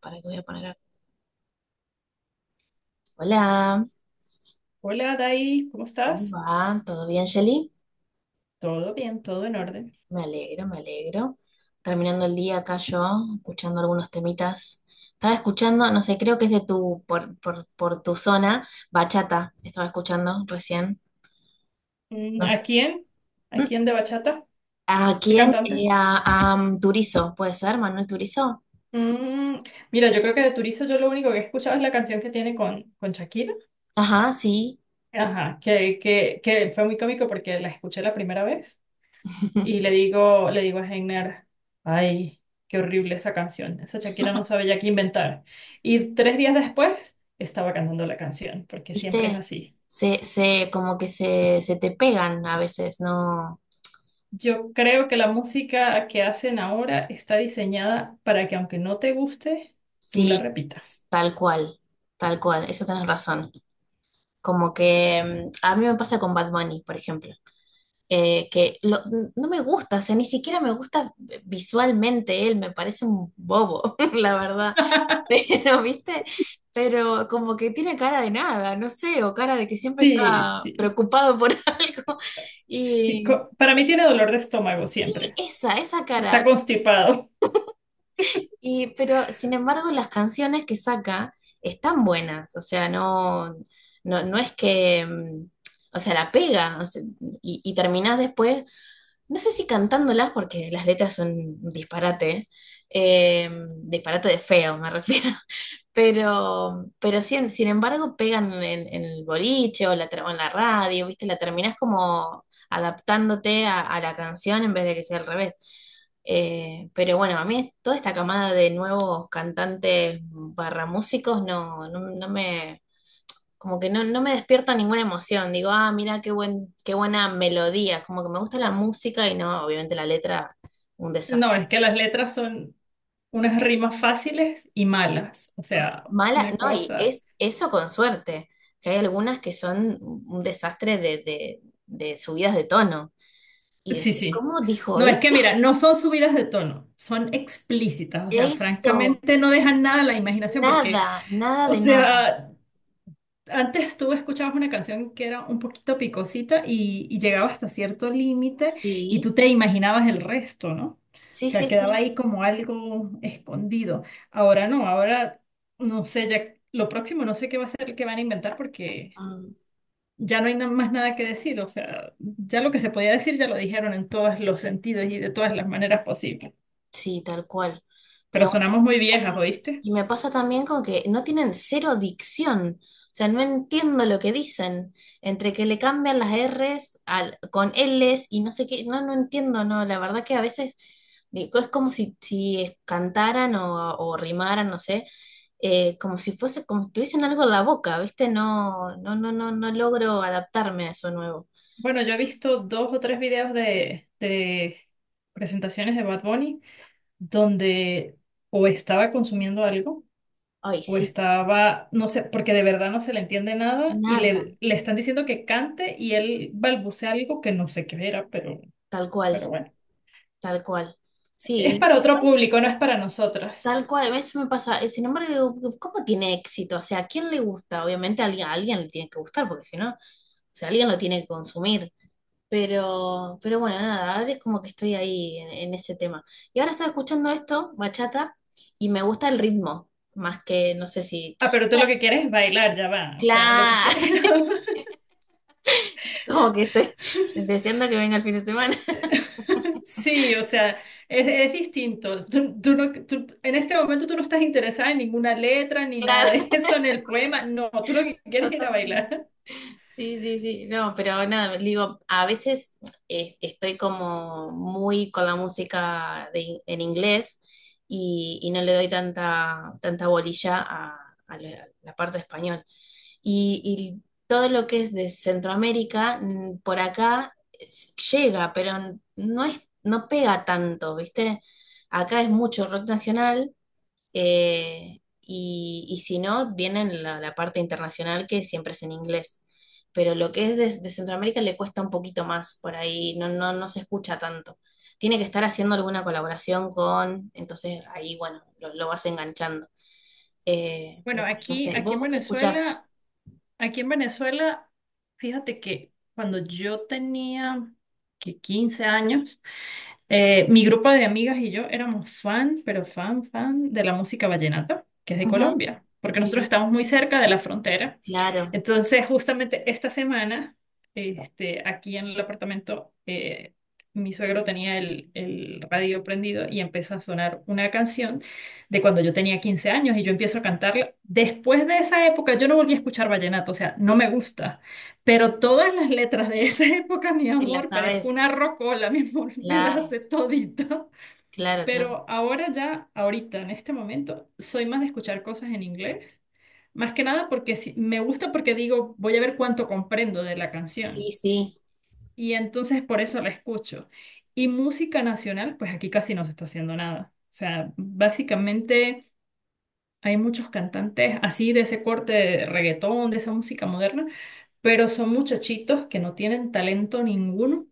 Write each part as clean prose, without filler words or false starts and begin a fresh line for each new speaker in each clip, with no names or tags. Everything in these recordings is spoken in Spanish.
Para que voy a poner acá. Hola,
Hola, Dai, ¿cómo
¿cómo
estás?
va? ¿Todo bien, Shelly?
Todo bien, todo en orden.
Me alegro, me alegro. Terminando el día acá yo, escuchando algunos temitas. Estaba escuchando, no sé, creo que es por tu zona, bachata. Estaba escuchando recién,
Mm,
no
¿a
sé.
quién? ¿A
Mm,
quién de bachata?
¿A
¿Qué
quién?
cantante?
A Turizo, ¿puede ser? ¿Manuel Turizo?
Mm, mira, yo creo que de Turizo yo lo único que he escuchado es la canción que tiene con Shakira.
Ajá, sí.
Ajá, que fue muy cómico porque la escuché la primera vez y le digo a Heiner, ay, qué horrible esa canción. Esa Shakira no sabe ya qué inventar. Y 3 días después estaba cantando la canción, porque siempre es
¿Viste?
así.
Como que se te pegan a veces, ¿no?
Yo creo que la música que hacen ahora está diseñada para que, aunque no te guste, tú la
Sí,
repitas.
tal cual, tal cual, eso tenés razón. Como que a mí me pasa con Bad Bunny, por ejemplo, eh, que lo- no me gusta, o sea, ni siquiera me gusta visualmente él, me parece un bobo, la verdad. Pero, ¿viste? Pero como que tiene cara de nada, no sé, o cara de que siempre
Sí,
está
sí,
preocupado por algo.
sí.
Y,
Para mí tiene dolor de estómago
y
siempre.
esa
Está
cara,
constipado.
Pero sin embargo, las canciones que saca están buenas, o sea, no, no, no es que, o sea, la pega, o sea, y terminás después, no sé si cantándolas, porque las letras son un disparate, eh, disparate de feo, me refiero. Pero sin embargo pegan en el boliche o en la radio, ¿viste? La terminás como adaptándote a la canción en vez de que sea al revés. Pero bueno, a mí toda esta camada de nuevos cantantes barra músicos no, no, no me, como que no, no me despierta ninguna emoción. Digo, ah, mira qué buena melodía. Como que me gusta la música y no, obviamente la letra, un
No,
desastre.
es que las letras son unas rimas fáciles y malas. O sea,
Mala,
una
no, y
cosa.
es eso con suerte, que hay algunas que son un desastre de subidas de tono. Y
Sí,
decís,
sí.
¿cómo dijo
No, es que
eso?
mira, no son subidas de tono, son explícitas. O sea,
Eso,
francamente no dejan nada a la imaginación porque,
nada, nada
o
de nada.
sea... Antes tú escuchabas una canción que era un poquito picosita y llegaba hasta cierto límite, y
Sí,
tú te imaginabas el resto, ¿no? O
sí,
sea,
sí,
quedaba
sí.
ahí como algo escondido. Ahora no sé, ya lo próximo no sé qué va a ser, qué van a inventar, porque
Mm.
ya no hay más nada que decir. O sea, ya lo que se podía decir ya lo dijeron en todos los sentidos y de todas las maneras posibles.
Sí, tal cual.
Pero
Pero bueno,
sonamos
me
muy
pasa-
viejas, ¿oíste?
y me pasa también con que no tienen cero dicción. O sea, no entiendo lo que dicen. Entre que le cambian las R's con L's y no sé qué. No, no entiendo, no. La verdad que a veces digo, es como si cantaran o rimaran, no sé. Como si fuese, como si tuviesen algo en la boca, ¿viste? No, no, no, no, no logro adaptarme a eso nuevo.
Bueno, yo he visto dos o tres videos de presentaciones de Bad Bunny donde o estaba consumiendo algo
Ay,
o
sí,
estaba, no sé, porque de verdad no se le entiende nada y
nada.
le están diciendo que cante y él balbucea algo que no sé qué era,
Tal cual,
pero bueno,
tal cual.
es
Sí,
para
sí.
otro público, no es para nosotras.
Tal cual, a veces me pasa. Sin embargo, digo, ¿cómo tiene éxito? O sea, ¿a quién le gusta? Obviamente a alguien le tiene que gustar, porque si no, o sea, alguien lo tiene que consumir. Pero bueno, nada, ahora es como que estoy ahí en ese tema. Y ahora estaba escuchando esto, bachata, y me gusta el ritmo, más que, no sé si...
Ah, pero tú lo que quieres es bailar, ya va, o sea, lo que quieres.
Claro, como que estoy deseando que venga el fin de semana.
Sí, o sea, es distinto. Tú no, tú- en este momento tú no estás interesada en ninguna letra ni nada
Claro,
de eso en el poema. No, tú lo que quieres es ir a
totalmente.
bailar.
Sí, sí, sí, no, pero nada, digo, a veces estoy como muy con la música en inglés y no le doy tanta bolilla a la parte español. Y todo lo que es de Centroamérica, por acá llega, pero no pega tanto, ¿viste? Acá es mucho rock nacional, y si no, vienen la parte internacional que siempre es en inglés. Pero lo que es de Centroamérica le cuesta un poquito más, por ahí no, no, no se escucha tanto. Tiene que estar haciendo alguna colaboración con, entonces ahí, bueno, lo vas enganchando. Pero
Bueno,
bueno, no
aquí,
sé,
aquí
¿vos,
en
vos qué escuchás?
Venezuela, aquí en Venezuela, fíjate que cuando yo tenía que 15 años, mi grupo de amigas y yo éramos fan, pero fan, fan de la música vallenata, que es de
Ujú.
Colombia, porque nosotros
Sí,
estamos muy cerca de la frontera.
claro,
Entonces, justamente esta semana, este, aquí en el apartamento, mi suegro tenía el radio prendido y empieza a sonar una canción de cuando yo tenía 15 años y yo empiezo a cantarla. Después de esa época, yo no volví a escuchar vallenato, o sea, no
sí,
me
sí,
gusta. Pero todas las letras de esa época, mi
te la
amor, parezco
sabes,
una rocola, mi amor, me las
claro,
sé todita.
claro, claro.
Pero ahora ya, ahorita, en este momento, soy más de escuchar cosas en inglés. Más que nada porque me gusta, porque digo, voy a ver cuánto comprendo de la
Sí,
canción.
sí,
Y entonces por eso la escucho. Y música nacional, pues aquí casi no se está haciendo nada. O sea, básicamente... Hay muchos cantantes así de ese corte de reggaetón, de esa música moderna, pero son muchachitos que no tienen talento ninguno,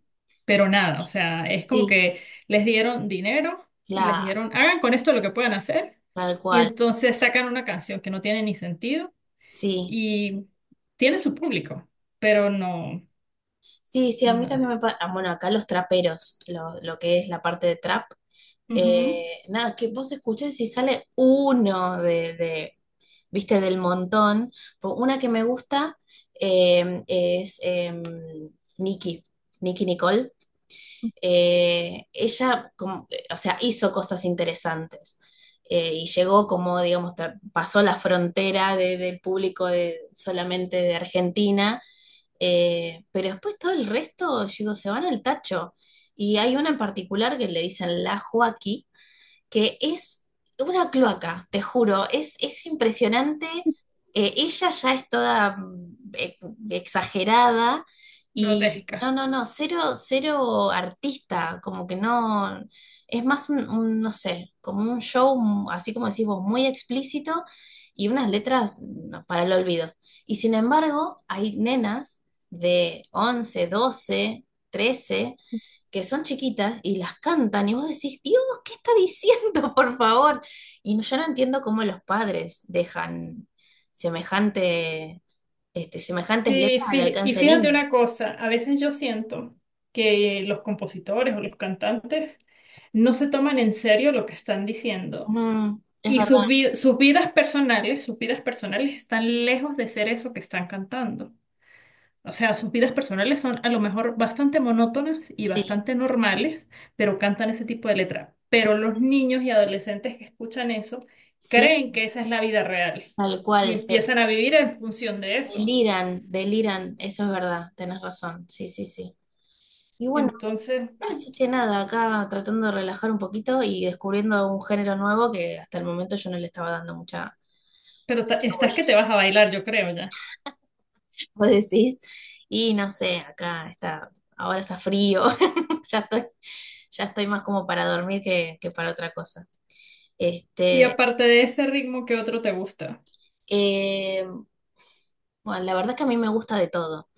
pero nada, o sea, es como
sí,
que les dieron dinero y les
la,
dijeron, hagan con esto lo que puedan hacer,
tal
y
cual,
entonces sacan una canción que no tiene ni sentido
sí.
y tiene su público, pero no,
Sí, sí, a mí también
nada.
me pasa, bueno, acá los traperos, lo que es la parte de trap,
Ujú,
nada, que vos escuches si sale uno de, viste, del montón. Una que me gusta es Nicki, Nicki Nicole. Ella, o sea, hizo cosas interesantes, y llegó como, digamos, pasó la frontera del público solamente de Argentina. Pero después todo el resto, yo digo, se van al tacho. Y hay una en particular que le dicen la Joaquí, que es una cloaca, te juro, es impresionante. Ella ya es toda exagerada y no,
grotesca.
no, no, cero, cero artista, como que no, es más un, no sé, como un show, así como decís vos, muy explícito y unas letras para el olvido. Y sin embargo, hay nenas de 11 12 13 que son chiquitas y las cantan y vos decís, Dios, ¿qué está diciendo, por favor? Yo no entiendo cómo los padres dejan semejante, semejantes
Sí,
letras al
y
alcance de
fíjate
niños.
una cosa, a veces yo siento que los compositores o los cantantes no se toman en serio lo que están diciendo
Mm, es
y
verdad,
sus vidas personales están lejos de ser eso que están cantando. O sea, sus vidas personales son a lo mejor bastante monótonas y
sí,
bastante normales, pero cantan ese tipo de letra.
sí,
Pero
sí,
los niños y adolescentes que escuchan eso
sí,
creen que esa es la vida real
tal
y
cual, se
empiezan a vivir en función de eso.
deliran, deliran, eso es verdad, tenés razón, sí, sí, sí. Y bueno,
Entonces, bueno.
así que nada, acá tratando de relajar un poquito y descubriendo un género nuevo que hasta el momento yo no le estaba dando mucha,
Pero
mucha
estás que te
bolilla.
vas a bailar, yo creo ya.
Vos decís, y no sé, acá está, ahora está frío, ya estoy, ya estoy, más como para dormir que para otra cosa.
Y
Este,
aparte de ese ritmo, ¿qué otro te gusta?
eh, bueno, la verdad que a mí me gusta de todo,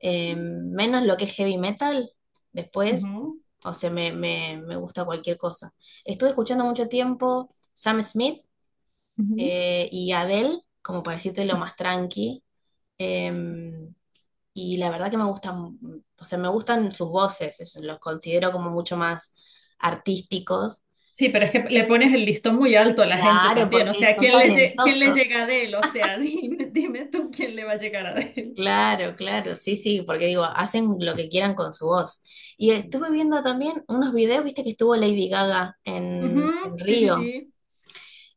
menos lo que es heavy metal, después,
Ujú.
o sea, me gusta cualquier cosa. Estuve escuchando mucho tiempo Sam Smith,
Ujú.
y Adele, como para decirte lo más tranqui. Em, Y la verdad que me gustan, o sea, me gustan sus voces, los considero como mucho más artísticos.
Sí, pero es que le pones el listón muy alto a la gente
Claro,
también. O
porque
sea,
son
¿quién le, quién le
talentosos.
llega a Adele? O sea, dime, dime tú quién le va a llegar a Adele.
Claro, claro, sí, sí, porque digo, hacen lo que quieran con su voz. Y estuve viendo también unos videos, viste que estuvo Lady Gaga
Ujú,
en
sí, sí,
Río,
sí.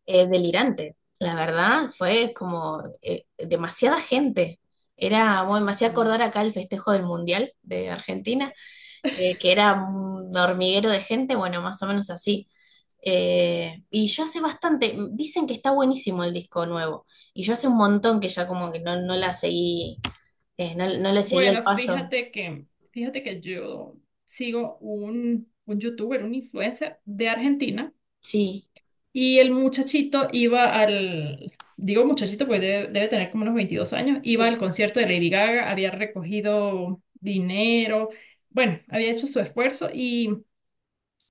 delirante. La verdad, fue como demasiada gente. Era, bueno, me hacía
Mm.
acordar acá el festejo del Mundial de Argentina que era un hormiguero de gente, bueno, más o menos así. Y yo hace bastante, dicen que está buenísimo el disco nuevo, y yo hace un montón que ya como que no, no la seguí, no, no le seguí el
Bueno,
paso.
fíjate que yo sigo un youtuber, un influencer de Argentina.
Sí,
Y el muchachito iba al, digo muchachito, pues debe tener como unos 22 años, iba
sí,
al concierto de Lady Gaga, había recogido dinero, bueno, había hecho su esfuerzo y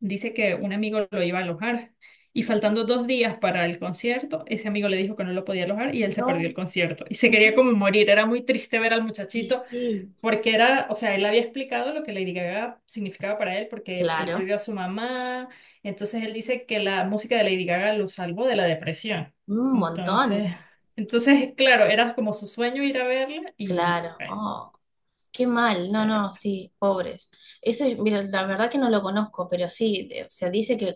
dice que un amigo lo iba a alojar. Y faltando 2 días para el concierto, ese amigo le dijo que no lo podía alojar y él se
no,
perdió el concierto. Y se quería
mm,
como morir, era muy triste ver al
y
muchachito
sí,
porque era, o sea, él había explicado lo que Lady Gaga significaba para él, porque él
claro,
perdió a su mamá. Entonces él dice que la música de Lady Gaga lo salvó de la depresión.
un
Entonces,
montón,
entonces, claro, era como su sueño ir a verla y
claro,
bueno,
oh. Qué mal, no,
pero-
no, sí, pobres. Eso, mira, la verdad que no lo conozco, pero sí, o sea, dice que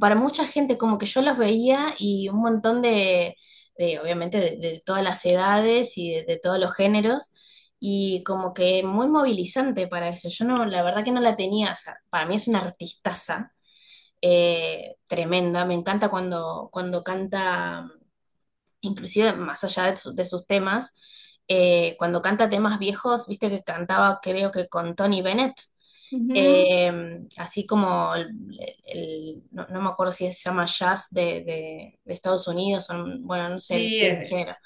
para mucha gente como que yo los veía y un montón de, obviamente, de todas las edades y de todos los géneros, y como que muy movilizante para eso. Yo no, la verdad que no la tenía, o sea, para mí es una artistaza tremenda, me encanta cuando, canta inclusive más allá de sus temas, cuando canta temas viejos, viste que cantaba creo que con Tony Bennett,
ujú.
eh, así como no, no me acuerdo si se llama jazz de Estados Unidos, o, bueno, no sé
Sí,
bien el género.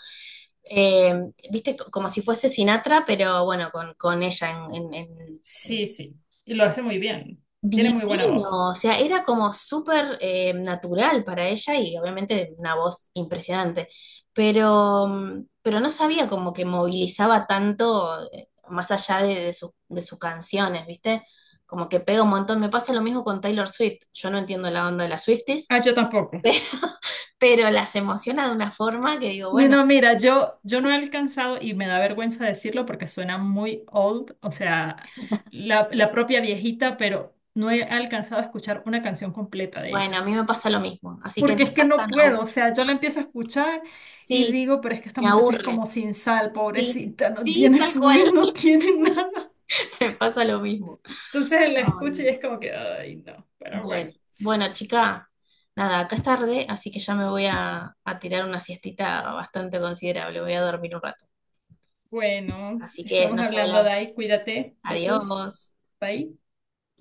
Eh, viste, como si fuese Sinatra, pero bueno, con ella en-
sí, sí. Y lo hace muy bien. Tiene muy buena voz.
Divino, o sea, era como súper natural para ella y obviamente una voz impresionante, pero no sabía como que movilizaba tanto, más allá de sus canciones, ¿viste? Como que pega un montón. Me pasa lo mismo con Taylor Swift. Yo no entiendo la onda de las Swifties,
Ah, yo tampoco.
pero pero las emociona de una forma que digo, bueno,
No, mira, yo no he alcanzado, y me da vergüenza decirlo porque suena muy old, o sea, la propia viejita, pero no he alcanzado a escuchar una canción completa de
bueno, a mí
ella.
me pasa lo mismo, así que
Porque
no
es que
estás
no
tan...
puedo, o sea, yo la empiezo a escuchar y
Sí,
digo, pero es que esta
me
muchacha es
aburre.
como sin sal,
Sí,
pobrecita, no
sí,
tiene
tal
su
cual,
y no tiene nada.
me pasa lo mismo.
Entonces la escucho y
Ay.
es como que, ay, no, pero
Bueno,
bueno.
bueno, chica, nada, acá es tarde, así que ya me voy a, tirar una siestita bastante considerable, voy a dormir un rato.
Bueno,
Así que
estamos
nos
hablando de
hablamos.
ahí, cuídate, besos,
Adiós.
bye.